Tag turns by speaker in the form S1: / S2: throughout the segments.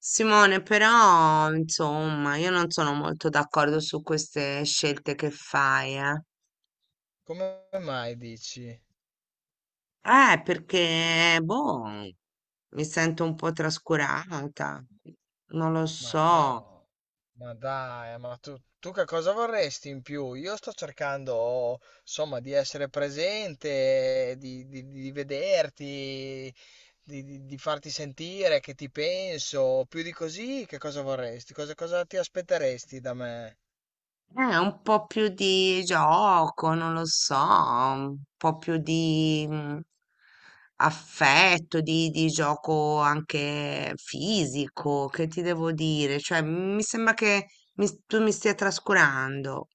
S1: Simone, però, insomma, io non sono molto d'accordo su queste scelte che fai, eh.
S2: Come mai dici?
S1: Perché, boh, mi sento un po' trascurata, non lo
S2: Ma
S1: so.
S2: no, ma dai, ma tu, che cosa vorresti in più? Io sto cercando, insomma, di essere presente, di, di vederti, di, di farti sentire che ti penso. Più di così, che cosa vorresti? Cosa, cosa ti aspetteresti da me?
S1: Un po' più di gioco, non lo so, un po' più di affetto, di gioco anche fisico, che ti devo dire? Cioè, mi sembra che tu mi stia trascurando.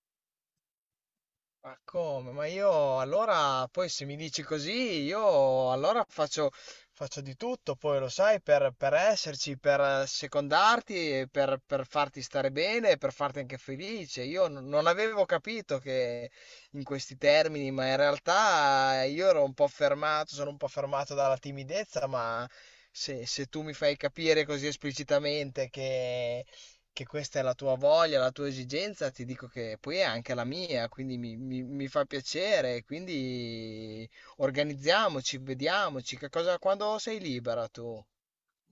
S2: Ma come? Ma io allora, poi se mi dici così, io allora faccio, faccio di tutto, poi lo sai, per esserci, per secondarti, e per farti stare bene, e per farti anche felice. Io non avevo capito che in questi termini, ma in realtà io ero un po' fermato, sono un po' fermato dalla timidezza, ma se, se tu mi fai capire così esplicitamente che questa è la tua voglia, la tua esigenza, ti dico che poi è anche la mia, quindi mi, mi fa piacere, quindi organizziamoci, vediamoci, che cosa, quando sei libera tu?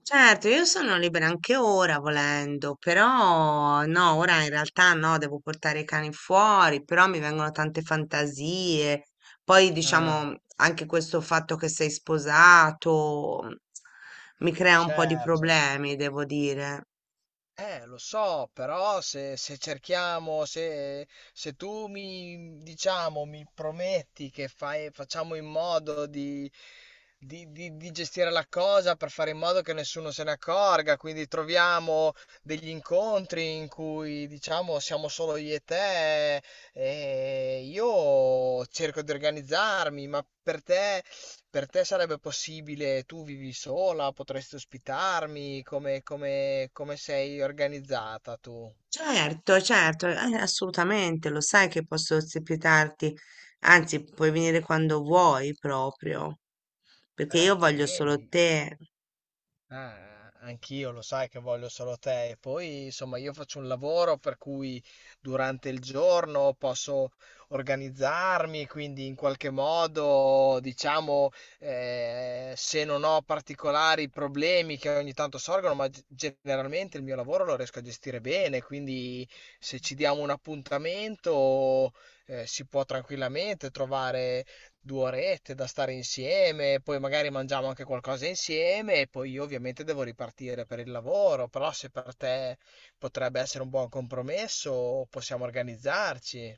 S1: Certo, io sono libera anche ora volendo, però no, ora in realtà no, devo portare i cani fuori, però mi vengono tante fantasie. Poi
S2: Ah,
S1: diciamo anche questo fatto che sei sposato, mi crea un po' di
S2: certo.
S1: problemi, devo dire.
S2: Lo so, però se, se cerchiamo, se, se tu mi, diciamo, mi prometti che fai, facciamo in modo di, di gestire la cosa per fare in modo che nessuno se ne accorga, quindi troviamo degli incontri in cui, diciamo, siamo solo io e te, e io cerco di organizzarmi, ma per te... Per te sarebbe possibile, tu vivi sola, potresti ospitarmi, come, come, come sei organizzata tu?
S1: Certo, certo, assolutamente, lo sai che posso ospitarti, anzi puoi venire quando vuoi proprio, perché io
S2: Ah, va
S1: voglio solo
S2: bene.
S1: te.
S2: Ah, anch'io lo sai che voglio solo te e poi insomma io faccio un lavoro per cui durante il giorno posso organizzarmi, quindi in qualche modo diciamo se non ho particolari problemi che ogni tanto sorgono, ma generalmente il mio lavoro lo riesco a gestire bene, quindi se ci diamo un appuntamento si può tranquillamente trovare due orette da stare insieme, poi magari mangiamo anche qualcosa insieme e poi io ovviamente devo ripartire per il lavoro, però se per te potrebbe essere un buon compromesso possiamo organizzarci.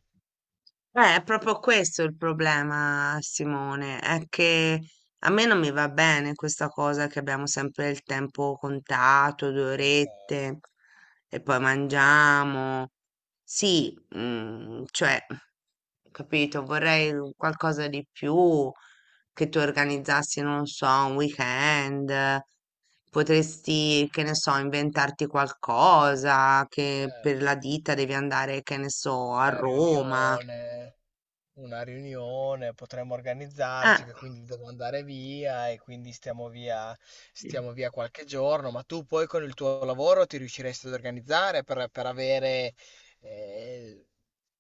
S1: È proprio questo il problema, Simone, è che a me non mi va bene questa cosa che abbiamo sempre il tempo contato, due
S2: Contatto,
S1: orette, e poi mangiamo. Sì, cioè, capito, vorrei un qualcosa di più, che tu organizzassi, non so, un weekend, potresti, che ne so, inventarti qualcosa, che per
S2: certo.
S1: la ditta devi andare, che ne so, a
S2: Una
S1: Roma.
S2: riunione, una riunione, potremmo organizzarci
S1: Ah,
S2: che quindi devo andare via e quindi stiamo via qualche giorno, ma tu poi con il tuo lavoro ti riusciresti ad organizzare per avere eh,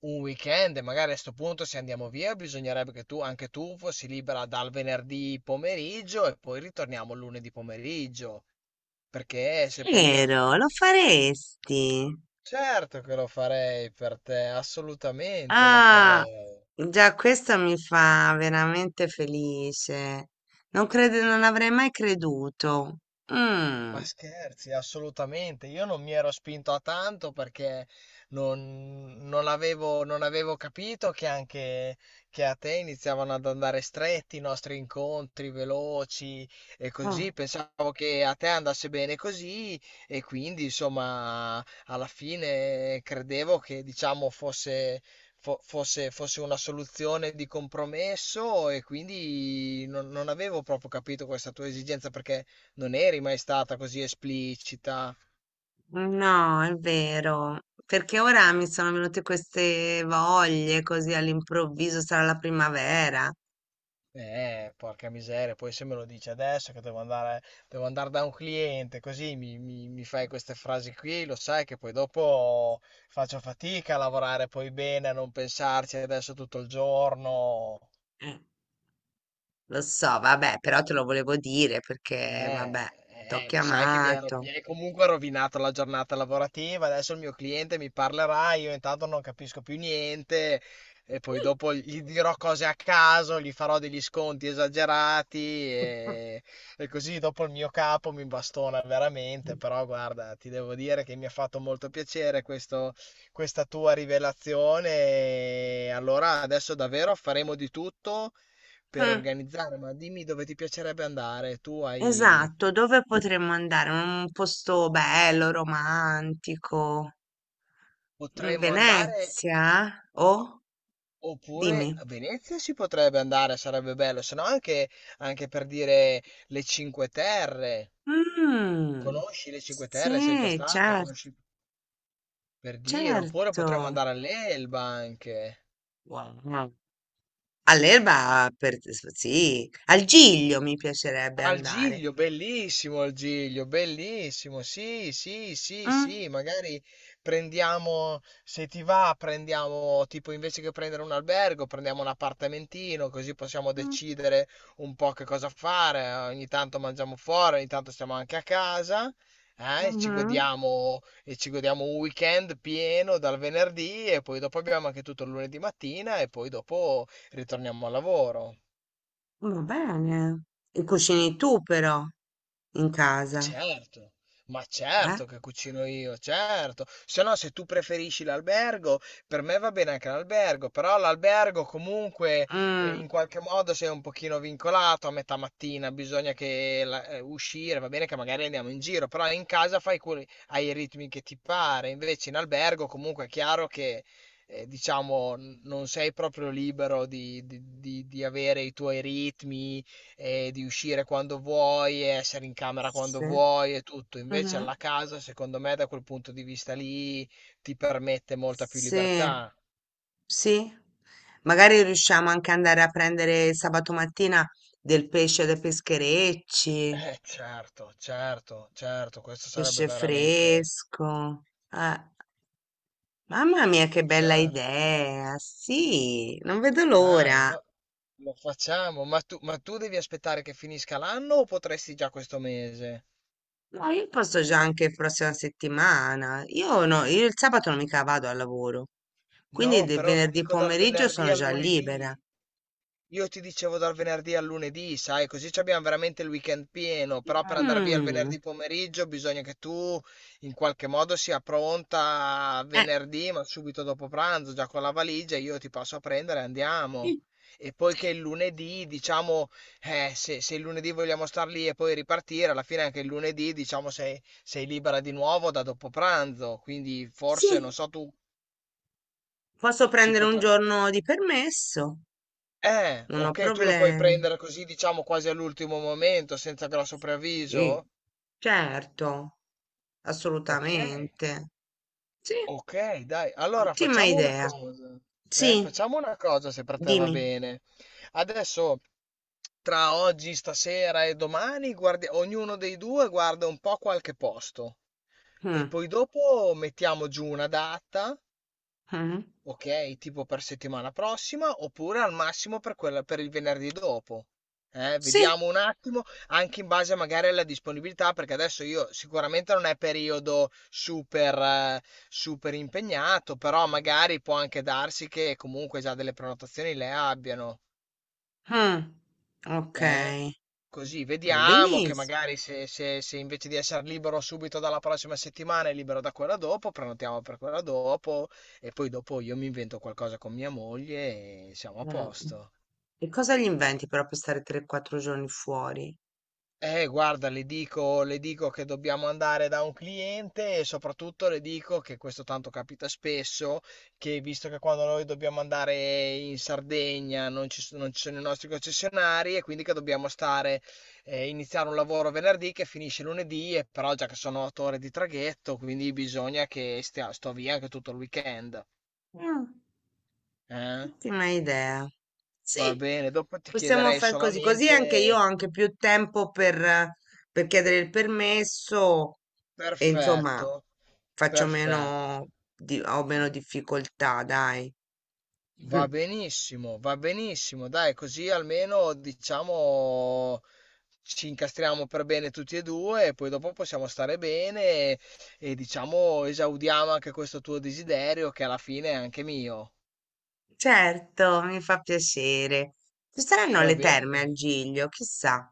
S2: un weekend e magari a sto punto se andiamo via bisognerebbe che tu, anche tu fossi libera dal venerdì pomeriggio e poi ritorniamo lunedì pomeriggio, perché se poi io...
S1: vero, lo faresti.
S2: Certo che lo farei per te, assolutamente lo
S1: Ah,
S2: farei.
S1: già questo mi fa veramente felice. Non crede, non avrei mai creduto.
S2: Ma
S1: Mm,
S2: scherzi, assolutamente. Io non mi ero spinto a tanto perché non, non avevo, non avevo capito che anche che a te iniziavano ad andare stretti i nostri incontri veloci e
S1: oh.
S2: così. Pensavo che a te andasse bene così e quindi, insomma, alla fine credevo che, diciamo, fosse, fosse una soluzione di compromesso e quindi non avevo proprio capito questa tua esigenza perché non eri mai stata così esplicita.
S1: No, è vero. Perché ora mi sono venute queste voglie così all'improvviso, sarà la primavera.
S2: Porca miseria, poi se me lo dici adesso che devo andare da un cliente, così mi, mi fai queste frasi qui, lo sai che poi dopo faccio fatica a lavorare poi bene, a non pensarci adesso tutto il giorno.
S1: Eh, Lo so, vabbè, però te lo volevo dire perché,
S2: Eh,
S1: vabbè, t'ho
S2: lo sai che
S1: chiamato.
S2: mi hai comunque rovinato la giornata lavorativa, adesso il mio cliente mi parlerà, io intanto non capisco più niente e poi dopo gli dirò cose a caso, gli farò degli sconti esagerati e, e così dopo il mio capo mi bastona veramente, però guarda, ti devo dire che mi ha fatto molto piacere questa tua rivelazione e allora adesso davvero faremo di tutto per
S1: Mm.
S2: organizzare, ma dimmi dove ti piacerebbe andare. Tu hai...
S1: Esatto, dove potremmo andare? Un posto bello, romantico. Mm,
S2: Potremmo andare
S1: Venezia? Oh,
S2: oppure
S1: dimmi.
S2: a Venezia si potrebbe andare, sarebbe bello, se no anche, anche per dire le Cinque Terre.
S1: Mm,
S2: Conosci le Cinque Terre? Sei già
S1: sì,
S2: stata?
S1: certo,
S2: Conosci per dire? Oppure potremmo
S1: certo.
S2: andare all'Elba anche.
S1: Wow. All'Elba, per, sì, al Giglio mi piacerebbe
S2: Al
S1: andare.
S2: Giglio, bellissimo Al Giglio, bellissimo. Sì, sì, sì,
S1: Mm,
S2: sì, magari prendiamo, se ti va, prendiamo, tipo invece che prendere un albergo, prendiamo un appartamentino, così possiamo
S1: mm,
S2: decidere un po' che cosa fare. Ogni tanto mangiamo fuori, ogni tanto stiamo anche a casa,
S1: mhm.
S2: e ci godiamo un weekend pieno dal venerdì e poi dopo abbiamo anche tutto il lunedì mattina e poi dopo ritorniamo al lavoro.
S1: Va bene. E cucini tu però in casa,
S2: Certo, ma
S1: eh?
S2: certo che cucino io, certo. Se no, se tu preferisci l'albergo, per me va bene anche l'albergo, però l'albergo comunque
S1: Mm,
S2: in qualche modo sei un pochino vincolato a metà mattina, bisogna che uscire, va bene che magari andiamo in giro, però in casa fai quelli, hai i ritmi che ti pare, invece in albergo comunque è chiaro che diciamo non sei proprio libero di di avere i tuoi ritmi e di uscire quando vuoi, e essere in camera quando
S1: sì.
S2: vuoi e tutto. Invece
S1: Mhm.
S2: alla casa, secondo me, da quel punto di vista lì, ti permette molta più
S1: Sì.
S2: libertà.
S1: Sì, magari riusciamo anche ad andare a prendere sabato mattina del pesce dai pescherecci,
S2: Certo, certo, certo, questo sarebbe
S1: pesce
S2: veramente...
S1: fresco. Ah, mamma mia, che bella
S2: Certo.
S1: idea! Sì, non vedo
S2: Dai,
S1: l'ora.
S2: lo, lo facciamo, ma tu devi aspettare che finisca l'anno o potresti già questo mese?
S1: No, io posso già anche prossima settimana. Io no, io il sabato non mica vado al lavoro, quindi
S2: No,
S1: del
S2: però ti
S1: venerdì
S2: dico dal
S1: pomeriggio
S2: venerdì
S1: sono
S2: al
S1: già libera.
S2: lunedì. Io ti dicevo dal venerdì al lunedì, sai, così ci abbiamo veramente il weekend pieno, però per andare via il
S1: Mm,
S2: venerdì pomeriggio bisogna che tu in qualche modo sia pronta
S1: eh,
S2: venerdì, ma subito dopo pranzo, già con la valigia, io ti passo a prendere e andiamo. E poi che il lunedì, diciamo, se, se il lunedì vogliamo star lì e poi ripartire, alla fine anche il lunedì, diciamo, sei, sei libera di nuovo da dopo pranzo, quindi forse, non
S1: sì,
S2: so, tu
S1: posso
S2: si
S1: prendere un
S2: potrà...
S1: giorno di permesso, non ho
S2: Ok, tu lo puoi
S1: problemi.
S2: prendere così, diciamo, quasi all'ultimo momento, senza grosso preavviso?
S1: Sì, certo,
S2: Ok,
S1: assolutamente. Sì,
S2: ok, dai. Allora
S1: ottima
S2: facciamo una
S1: idea.
S2: cosa.
S1: Sì,
S2: Facciamo una cosa se per te va
S1: dimmi.
S2: bene. Adesso, tra oggi, stasera e domani, ognuno dei due guarda un po' qualche posto. E
S1: Mm,
S2: poi dopo mettiamo giù una data.
S1: mm,
S2: Ok, tipo per settimana prossima oppure al massimo per quella, per il venerdì dopo.
S1: sì,
S2: Vediamo un attimo, anche in base magari alla disponibilità, perché adesso io sicuramente non è periodo super, super impegnato, però magari può anche darsi che comunque già delle prenotazioni le abbiano.
S1: mm, ok,
S2: Eh? Così
S1: va
S2: vediamo che
S1: benissimo.
S2: magari se, se invece di essere libero subito dalla prossima settimana è libero da quella dopo, prenotiamo per quella dopo e poi dopo io mi invento qualcosa con mia moglie e siamo a posto.
S1: E cosa gli inventi però per stare 3-4 giorni fuori?
S2: Guarda, le dico che dobbiamo andare da un cliente e soprattutto le dico che questo tanto capita spesso, che visto che quando noi dobbiamo andare in Sardegna non ci, non ci sono i nostri concessionari e quindi che dobbiamo stare, iniziare un lavoro venerdì che finisce lunedì, e però già che sono 8 ore di traghetto, quindi bisogna che stia, sto via anche tutto il weekend.
S1: Mm.
S2: Eh?
S1: Ottima idea.
S2: Va
S1: Sì,
S2: bene, dopo ti
S1: possiamo
S2: chiederei
S1: far così, così anche io ho
S2: solamente...
S1: anche più tempo per chiedere il permesso e insomma
S2: Perfetto,
S1: faccio
S2: perfetto.
S1: meno, ho meno difficoltà, dai. Mm.
S2: Va benissimo, dai, così almeno diciamo ci incastriamo per bene tutti e due e poi dopo possiamo stare bene e, diciamo esaudiamo anche questo tuo desiderio che alla fine è anche mio.
S1: Certo, mi fa piacere. Ci saranno
S2: Va
S1: le terme a
S2: bene.
S1: Giglio, chissà.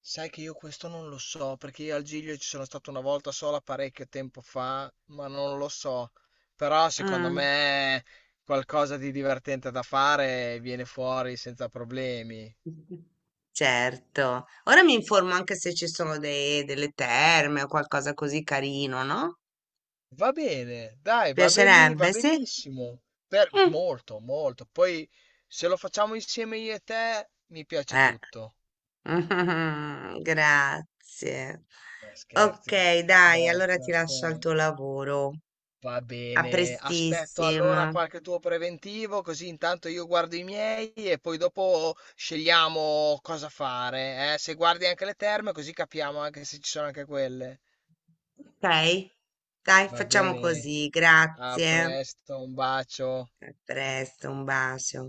S2: Sai che io questo non lo so perché io al Giglio ci sono stato una volta sola parecchio tempo fa, ma non lo so. Però secondo
S1: Mm.
S2: me qualcosa di divertente da fare viene fuori senza problemi.
S1: Certo. Ora mi informo anche se ci sono delle terme o qualcosa così carino, no?
S2: Va bene, dai, va beni va
S1: Piacerebbe, sì?
S2: benissimo. Per
S1: Mm.
S2: molto, molto. Poi se lo facciamo insieme io e te, mi piace
S1: Eh,
S2: tutto.
S1: grazie.
S2: Ma
S1: Ok,
S2: scherzi,
S1: dai, allora
S2: grazie
S1: ti
S2: a
S1: lascio al
S2: te.
S1: tuo lavoro.
S2: Va
S1: A
S2: bene, aspetto
S1: prestissimo.
S2: allora qualche tuo preventivo, così intanto io guardo i miei e poi dopo scegliamo cosa fare. Eh. Se guardi anche le terme, così capiamo anche se ci sono anche quelle.
S1: Ok? Dai,
S2: Va
S1: facciamo
S2: bene,
S1: così.
S2: a
S1: Grazie.
S2: presto, un bacio.
S1: A presto, un bacio.